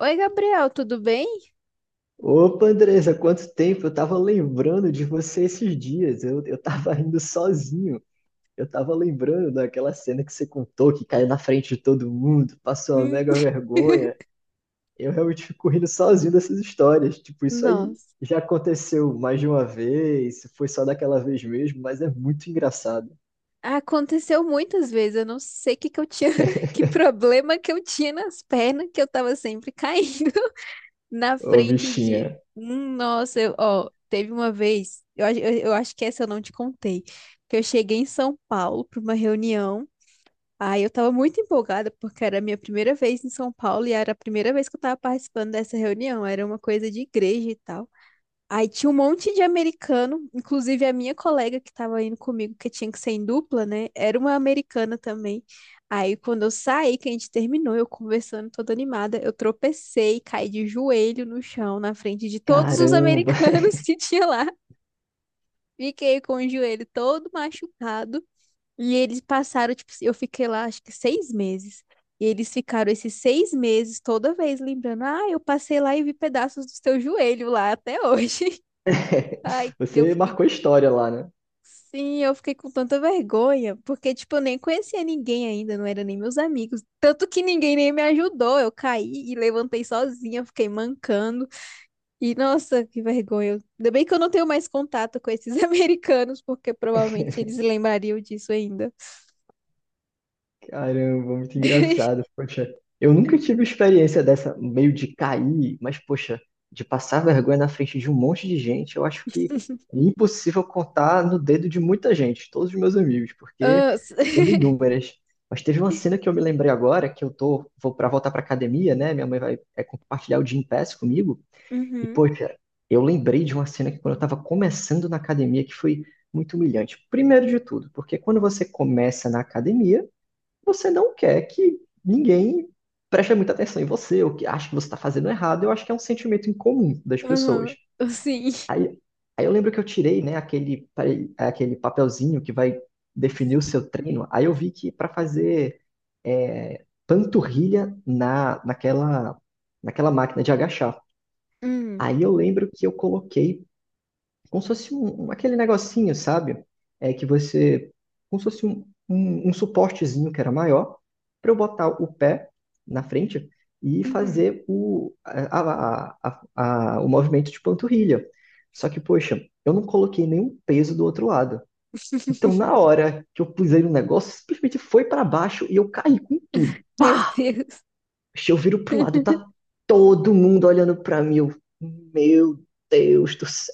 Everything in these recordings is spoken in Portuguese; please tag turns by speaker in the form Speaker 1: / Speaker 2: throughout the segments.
Speaker 1: Oi, Gabriel, tudo bem?
Speaker 2: Opa, Andressa, quanto tempo! Eu tava lembrando de você esses dias. Eu tava indo sozinho. Eu tava lembrando daquela cena que você contou, que caiu na frente de todo mundo, passou uma
Speaker 1: Hum.
Speaker 2: mega vergonha. Eu realmente fico rindo sozinho dessas histórias. Tipo, isso aí
Speaker 1: Nossa,
Speaker 2: já aconteceu mais de uma vez, foi só daquela vez mesmo, mas é muito engraçado.
Speaker 1: aconteceu muitas vezes. Eu não sei o que que eu tinha, que problema que eu tinha nas pernas, que eu tava sempre caindo na
Speaker 2: Ô,
Speaker 1: frente de.
Speaker 2: bichinha.
Speaker 1: Nossa, ó, teve uma vez, eu acho que essa eu não te contei, que eu cheguei em São Paulo para uma reunião. Aí eu tava muito empolgada, porque era a minha primeira vez em São Paulo e era a primeira vez que eu tava participando dessa reunião. Era uma coisa de igreja e tal. Aí tinha um monte de americano, inclusive a minha colega que estava indo comigo, que tinha que ser em dupla, né? Era uma americana também. Aí quando eu saí, que a gente terminou, eu conversando toda animada, eu tropecei, caí de joelho no chão, na frente de todos os
Speaker 2: Caramba!
Speaker 1: americanos que tinha lá. Fiquei com o joelho todo machucado. E eles passaram, tipo, eu fiquei lá acho que 6 meses. E eles ficaram esses 6 meses toda vez lembrando: ah, eu passei lá e vi pedaços do seu joelho lá até hoje. Ai, eu
Speaker 2: Você
Speaker 1: fiquei.
Speaker 2: marcou história lá, né?
Speaker 1: Sim, eu fiquei com tanta vergonha, porque, tipo, eu nem conhecia ninguém ainda, não eram nem meus amigos. Tanto que ninguém nem me ajudou. Eu caí e levantei sozinha, fiquei mancando. E, nossa, que vergonha. Ainda bem que eu não tenho mais contato com esses americanos, porque provavelmente eles lembrariam disso ainda.
Speaker 2: Caramba, muito engraçado. Poxa, eu nunca tive experiência dessa, meio de cair, mas poxa, de passar vergonha na frente de um monte de gente, eu acho que é impossível contar no dedo de muita gente, todos os meus amigos, porque
Speaker 1: Ah,
Speaker 2: são inúmeras. Mas teve uma cena que eu me lembrei agora, que eu tô, vou para voltar pra academia, né? Minha mãe vai compartilhar o Gympass comigo, e
Speaker 1: Uhum,
Speaker 2: poxa, eu lembrei de uma cena que quando eu tava começando na academia, que foi muito humilhante. Primeiro de tudo, porque quando você começa na academia, você não quer que ninguém preste muita atenção em você, ou que acha que você está fazendo errado. Eu acho que é um sentimento incomum das
Speaker 1: aham,
Speaker 2: pessoas.
Speaker 1: sim.
Speaker 2: Aí, aí eu lembro que eu tirei, né, aquele papelzinho que vai definir o seu treino. Aí eu vi que para fazer panturrilha naquela, naquela máquina de agachar.
Speaker 1: Hum,
Speaker 2: Aí eu lembro que eu coloquei como se fosse aquele negocinho, sabe? É que você, como se fosse um suportezinho que era maior, para eu botar o pé na frente e
Speaker 1: uhum.
Speaker 2: fazer o, a- o movimento de panturrilha. Só que, poxa, eu não coloquei nenhum peso do outro lado. Então, na hora que eu pusei no negócio, simplesmente foi para baixo e eu caí com tudo.
Speaker 1: Meu
Speaker 2: Pá!
Speaker 1: Deus.
Speaker 2: Eu viro pro lado, tá todo mundo olhando para mim. Eu, meu Deus do céu!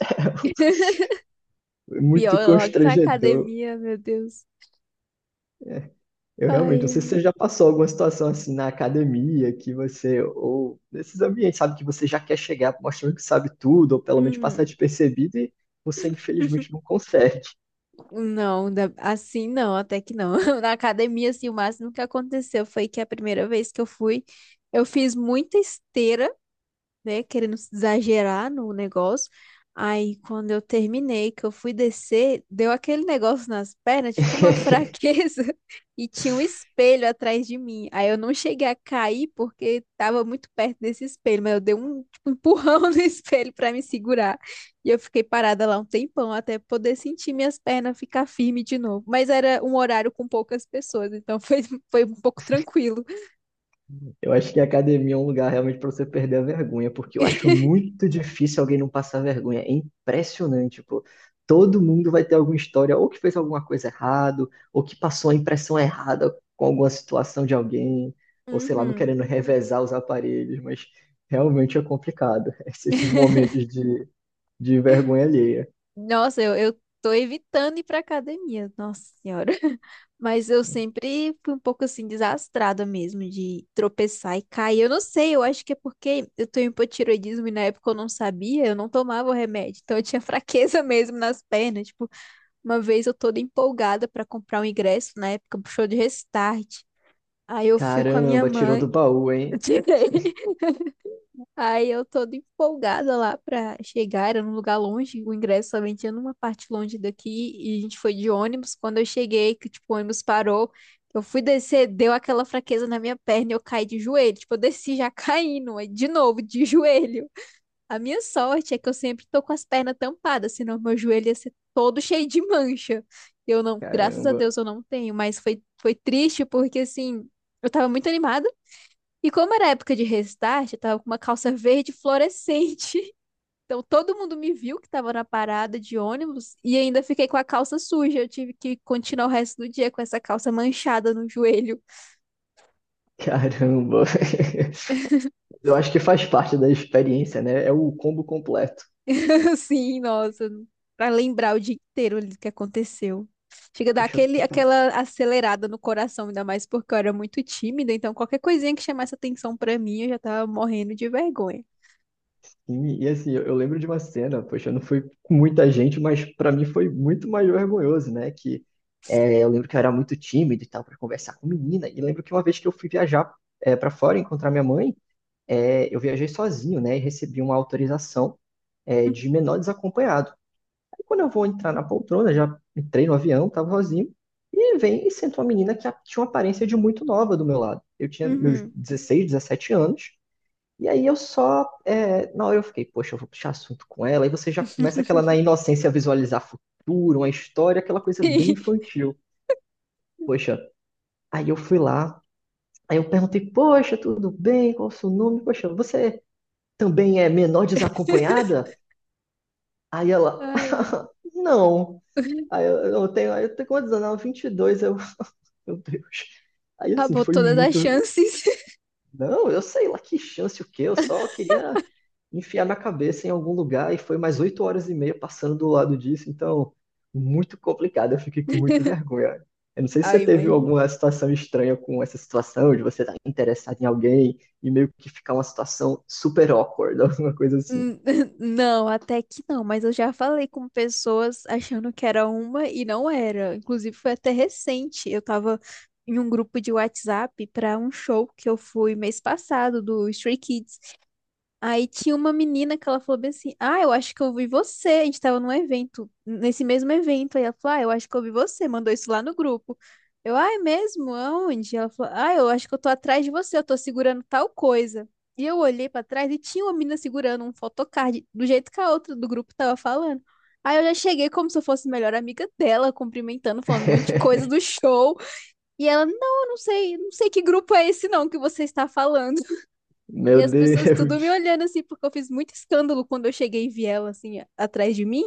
Speaker 1: Pior,
Speaker 2: Muito
Speaker 1: logo na
Speaker 2: constrangedor.
Speaker 1: academia, meu Deus.
Speaker 2: Eu realmente não
Speaker 1: Ai,
Speaker 2: sei se
Speaker 1: ai.
Speaker 2: você já passou alguma situação assim na academia, que você, ou nesses ambientes, sabe, que você já quer chegar mostrando que sabe tudo, ou pelo menos passar
Speaker 1: Hum.
Speaker 2: despercebido, e você infelizmente não consegue.
Speaker 1: Não, assim não, até que não. Na academia, assim, o máximo que aconteceu foi que a primeira vez que eu fui, eu fiz muita esteira, né, querendo exagerar no negócio. Aí, quando eu terminei, que eu fui descer, deu aquele negócio nas pernas, tipo uma fraqueza, e tinha um espelho atrás de mim. Aí eu não cheguei a cair porque tava muito perto desse espelho, mas eu dei um, tipo, um empurrão no espelho para me segurar. E eu fiquei parada lá um tempão até poder sentir minhas pernas ficar firme de novo. Mas era um horário com poucas pessoas, então foi, foi um pouco tranquilo.
Speaker 2: Eu acho que a academia é um lugar realmente para você perder a vergonha, porque eu acho muito difícil alguém não passar vergonha. É impressionante, pô. Todo mundo vai ter alguma história, ou que fez alguma coisa errada, ou que passou a impressão errada com alguma situação de alguém, ou sei lá, não
Speaker 1: Uhum.
Speaker 2: querendo revezar os aparelhos, mas realmente é complicado. Esses momentos de vergonha alheia.
Speaker 1: Nossa, eu tô evitando ir pra academia, nossa senhora. Mas eu sempre fui um pouco assim desastrada mesmo de tropeçar e cair. Eu não sei, eu acho que é porque eu tenho hipotireoidismo e na época eu não sabia, eu não tomava o remédio. Então eu tinha fraqueza mesmo nas pernas. Tipo, uma vez eu toda empolgada pra comprar um ingresso, na época pro show de Restart. Aí eu fui com a minha
Speaker 2: Caramba, tirou do
Speaker 1: mãe,
Speaker 2: baú,
Speaker 1: eu
Speaker 2: hein?
Speaker 1: tirei. Aí eu toda empolgada lá pra chegar, era num lugar longe, o ingresso também tinha numa parte longe daqui, e a gente foi de ônibus. Quando eu cheguei, que tipo, o ônibus parou, eu fui descer, deu aquela fraqueza na minha perna e eu caí de joelho. Tipo, eu desci já caindo, aí de novo, de joelho. A minha sorte é que eu sempre tô com as pernas tampadas, senão meu joelho ia ser todo cheio de mancha. Eu não, graças a
Speaker 2: Caramba,
Speaker 1: Deus eu não tenho, mas foi, foi triste porque assim, eu tava muito animada. E como era época de restart, eu tava com uma calça verde fluorescente. Então todo mundo me viu que tava na parada de ônibus e ainda fiquei com a calça suja. Eu tive que continuar o resto do dia com essa calça manchada no joelho.
Speaker 2: caramba. Eu acho que faz parte da experiência, né? É o combo completo.
Speaker 1: Assim, nossa, pra lembrar o dia inteiro ali do que aconteceu. Chega a dar
Speaker 2: Puxa,
Speaker 1: aquele,
Speaker 2: tá-
Speaker 1: aquela acelerada no coração, ainda mais porque eu era muito tímida, então qualquer coisinha que chamasse atenção pra mim, eu já tava morrendo de vergonha.
Speaker 2: e assim, eu lembro de uma cena, poxa, não foi com muita gente, mas pra mim foi muito mais vergonhoso, né? Que eu lembro que eu era muito tímido e tal pra conversar com menina. E lembro que uma vez que eu fui viajar para fora encontrar minha mãe, eu viajei sozinho, né? E recebi uma autorização de menor desacompanhado. Aí quando eu vou entrar na poltrona, já entrei no avião, tava sozinho, e vem e senta uma menina que tinha uma aparência de muito nova do meu lado. Eu tinha meus
Speaker 1: Uhum.
Speaker 2: 16, 17 anos. E aí eu só, na hora eu fiquei, poxa, eu vou puxar assunto com ela, e você já começa aquela na inocência visualizar futuro, uma história, aquela coisa bem infantil. Poxa, aí eu fui lá, aí eu perguntei, poxa, tudo bem? Qual o seu nome? Poxa, você também é menor desacompanhada? Aí ela,
Speaker 1: Ai, meu
Speaker 2: não.
Speaker 1: Deus.
Speaker 2: Aí eu tenho quantos anos? Ela, 22, eu, meu Deus. Aí assim,
Speaker 1: Acabou
Speaker 2: foi
Speaker 1: todas as
Speaker 2: muito,
Speaker 1: chances.
Speaker 2: não, eu sei lá que chance o quê, eu só queria enfiar na cabeça em algum lugar e foi mais oito horas e meia passando do lado disso, então muito complicado, eu fiquei com muita vergonha. Eu não sei se você
Speaker 1: Ai,
Speaker 2: teve
Speaker 1: mas.
Speaker 2: alguma situação estranha com essa situação, de você estar interessado em alguém e meio que ficar uma situação super awkward, alguma coisa assim.
Speaker 1: N- Não, até que não, mas eu já falei com pessoas achando que era uma e não era. Inclusive, foi até recente. Eu tava em um grupo de WhatsApp para um show que eu fui mês passado do Stray Kids. Aí tinha uma menina que ela falou bem assim: Ah, eu acho que eu vi você. A gente tava num evento, nesse mesmo evento. Aí ela falou: Ah, eu acho que eu vi você. Mandou isso lá no grupo. Eu, ah, é mesmo? Aonde? Ela falou: Ah, eu acho que eu tô atrás de você. Eu tô segurando tal coisa. E eu olhei pra trás e tinha uma menina segurando um photocard, do jeito que a outra do grupo tava falando. Aí eu já cheguei como se eu fosse a melhor amiga dela, cumprimentando, falando um monte de coisa do show. E ela: Não, eu não sei, não sei que grupo é esse não que você está falando. E
Speaker 2: Meu
Speaker 1: as pessoas tudo me
Speaker 2: Deus,
Speaker 1: olhando assim, porque eu fiz muito escândalo quando eu cheguei e vi ela assim, atrás de mim.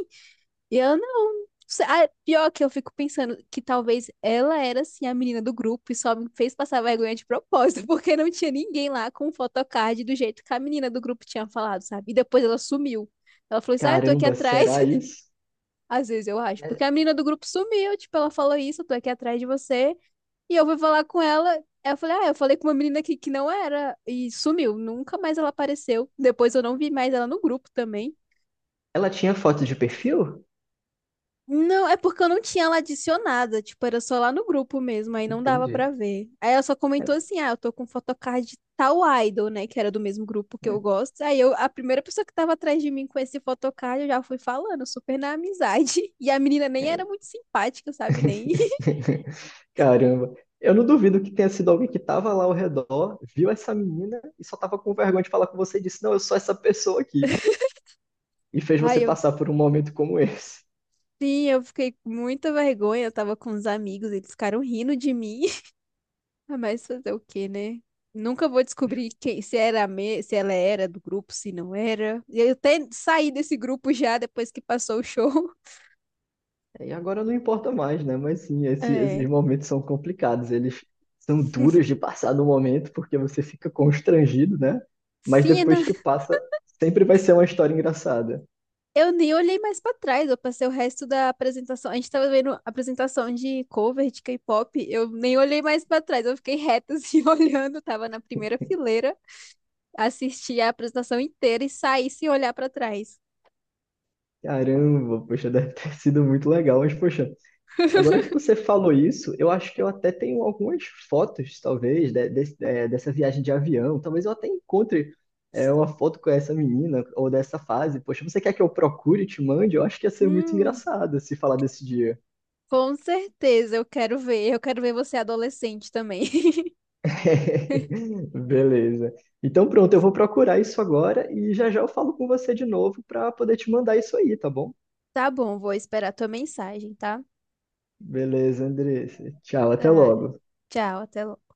Speaker 1: E ela, não. Ah, pior que eu fico pensando que talvez ela era assim a menina do grupo e só me fez passar vergonha de propósito, porque não tinha ninguém lá com photocard do jeito que a menina do grupo tinha falado, sabe? E depois ela sumiu. Ela falou assim: Ah, eu tô aqui
Speaker 2: caramba,
Speaker 1: atrás.
Speaker 2: será isso?
Speaker 1: Às vezes eu acho, porque
Speaker 2: É,
Speaker 1: a menina do grupo sumiu, tipo, ela falou isso, eu tô aqui atrás de você. E eu fui falar com ela. Eu falei, ah, eu falei com uma menina aqui que não era e sumiu. Nunca mais ela apareceu. Depois eu não vi mais ela no grupo também.
Speaker 2: ela tinha foto de perfil?
Speaker 1: Não, é porque eu não tinha ela adicionada, tipo, era só lá no grupo mesmo, aí não dava pra
Speaker 2: Entendi.
Speaker 1: ver. Aí ela só comentou
Speaker 2: É,
Speaker 1: assim: "Ah, eu tô com photocard de tal idol, né, que era do mesmo grupo que eu gosto". Aí eu, a primeira pessoa que tava atrás de mim com esse photocard, eu já fui falando, super na amizade. E a menina nem era
Speaker 2: é,
Speaker 1: muito simpática, sabe, nem.
Speaker 2: caramba. Eu não duvido que tenha sido alguém que estava lá ao redor, viu essa menina e só estava com vergonha de falar com você e disse: Não, eu sou essa pessoa aqui. E fez
Speaker 1: Aí
Speaker 2: você
Speaker 1: eu
Speaker 2: passar por um momento como esse.
Speaker 1: Sim, eu fiquei com muita vergonha. Eu tava com uns amigos, eles ficaram rindo de mim. Ah, mas fazer o quê, né? Nunca vou descobrir quem, se era se ela era do grupo, se não era. E eu até saí desse grupo já depois que passou o show.
Speaker 2: É, e agora não importa mais, né? Mas sim, esses
Speaker 1: É.
Speaker 2: momentos são complicados. Eles são duros de passar no momento, porque você fica constrangido, né? Mas
Speaker 1: Sim,
Speaker 2: depois
Speaker 1: Ana,
Speaker 2: que passa, sempre vai ser uma história engraçada.
Speaker 1: eu nem olhei mais pra trás. Eu passei o resto da apresentação. A gente tava vendo a apresentação de cover de K-pop. Eu nem olhei mais pra trás. Eu fiquei reta assim, olhando. Tava na primeira fileira, assisti a apresentação inteira e saí sem olhar pra trás.
Speaker 2: Caramba, poxa, deve ter sido muito legal, mas poxa. Agora que você falou isso, eu acho que eu até tenho algumas fotos, talvez, é, dessa viagem de avião. Talvez eu até encontre uma foto com essa menina ou dessa fase. Poxa, você quer que eu procure e te mande? Eu acho que ia ser muito
Speaker 1: Hum,
Speaker 2: engraçado se falar desse dia.
Speaker 1: Com certeza, eu quero ver. Eu quero ver você adolescente também.
Speaker 2: Beleza. Então pronto, eu vou procurar isso agora e já já eu falo com você de novo para poder te mandar isso aí, tá bom?
Speaker 1: Tá bom, vou esperar tua mensagem, tá?
Speaker 2: Beleza, Andressa. Tchau, até
Speaker 1: Tá,
Speaker 2: logo.
Speaker 1: tchau, até logo.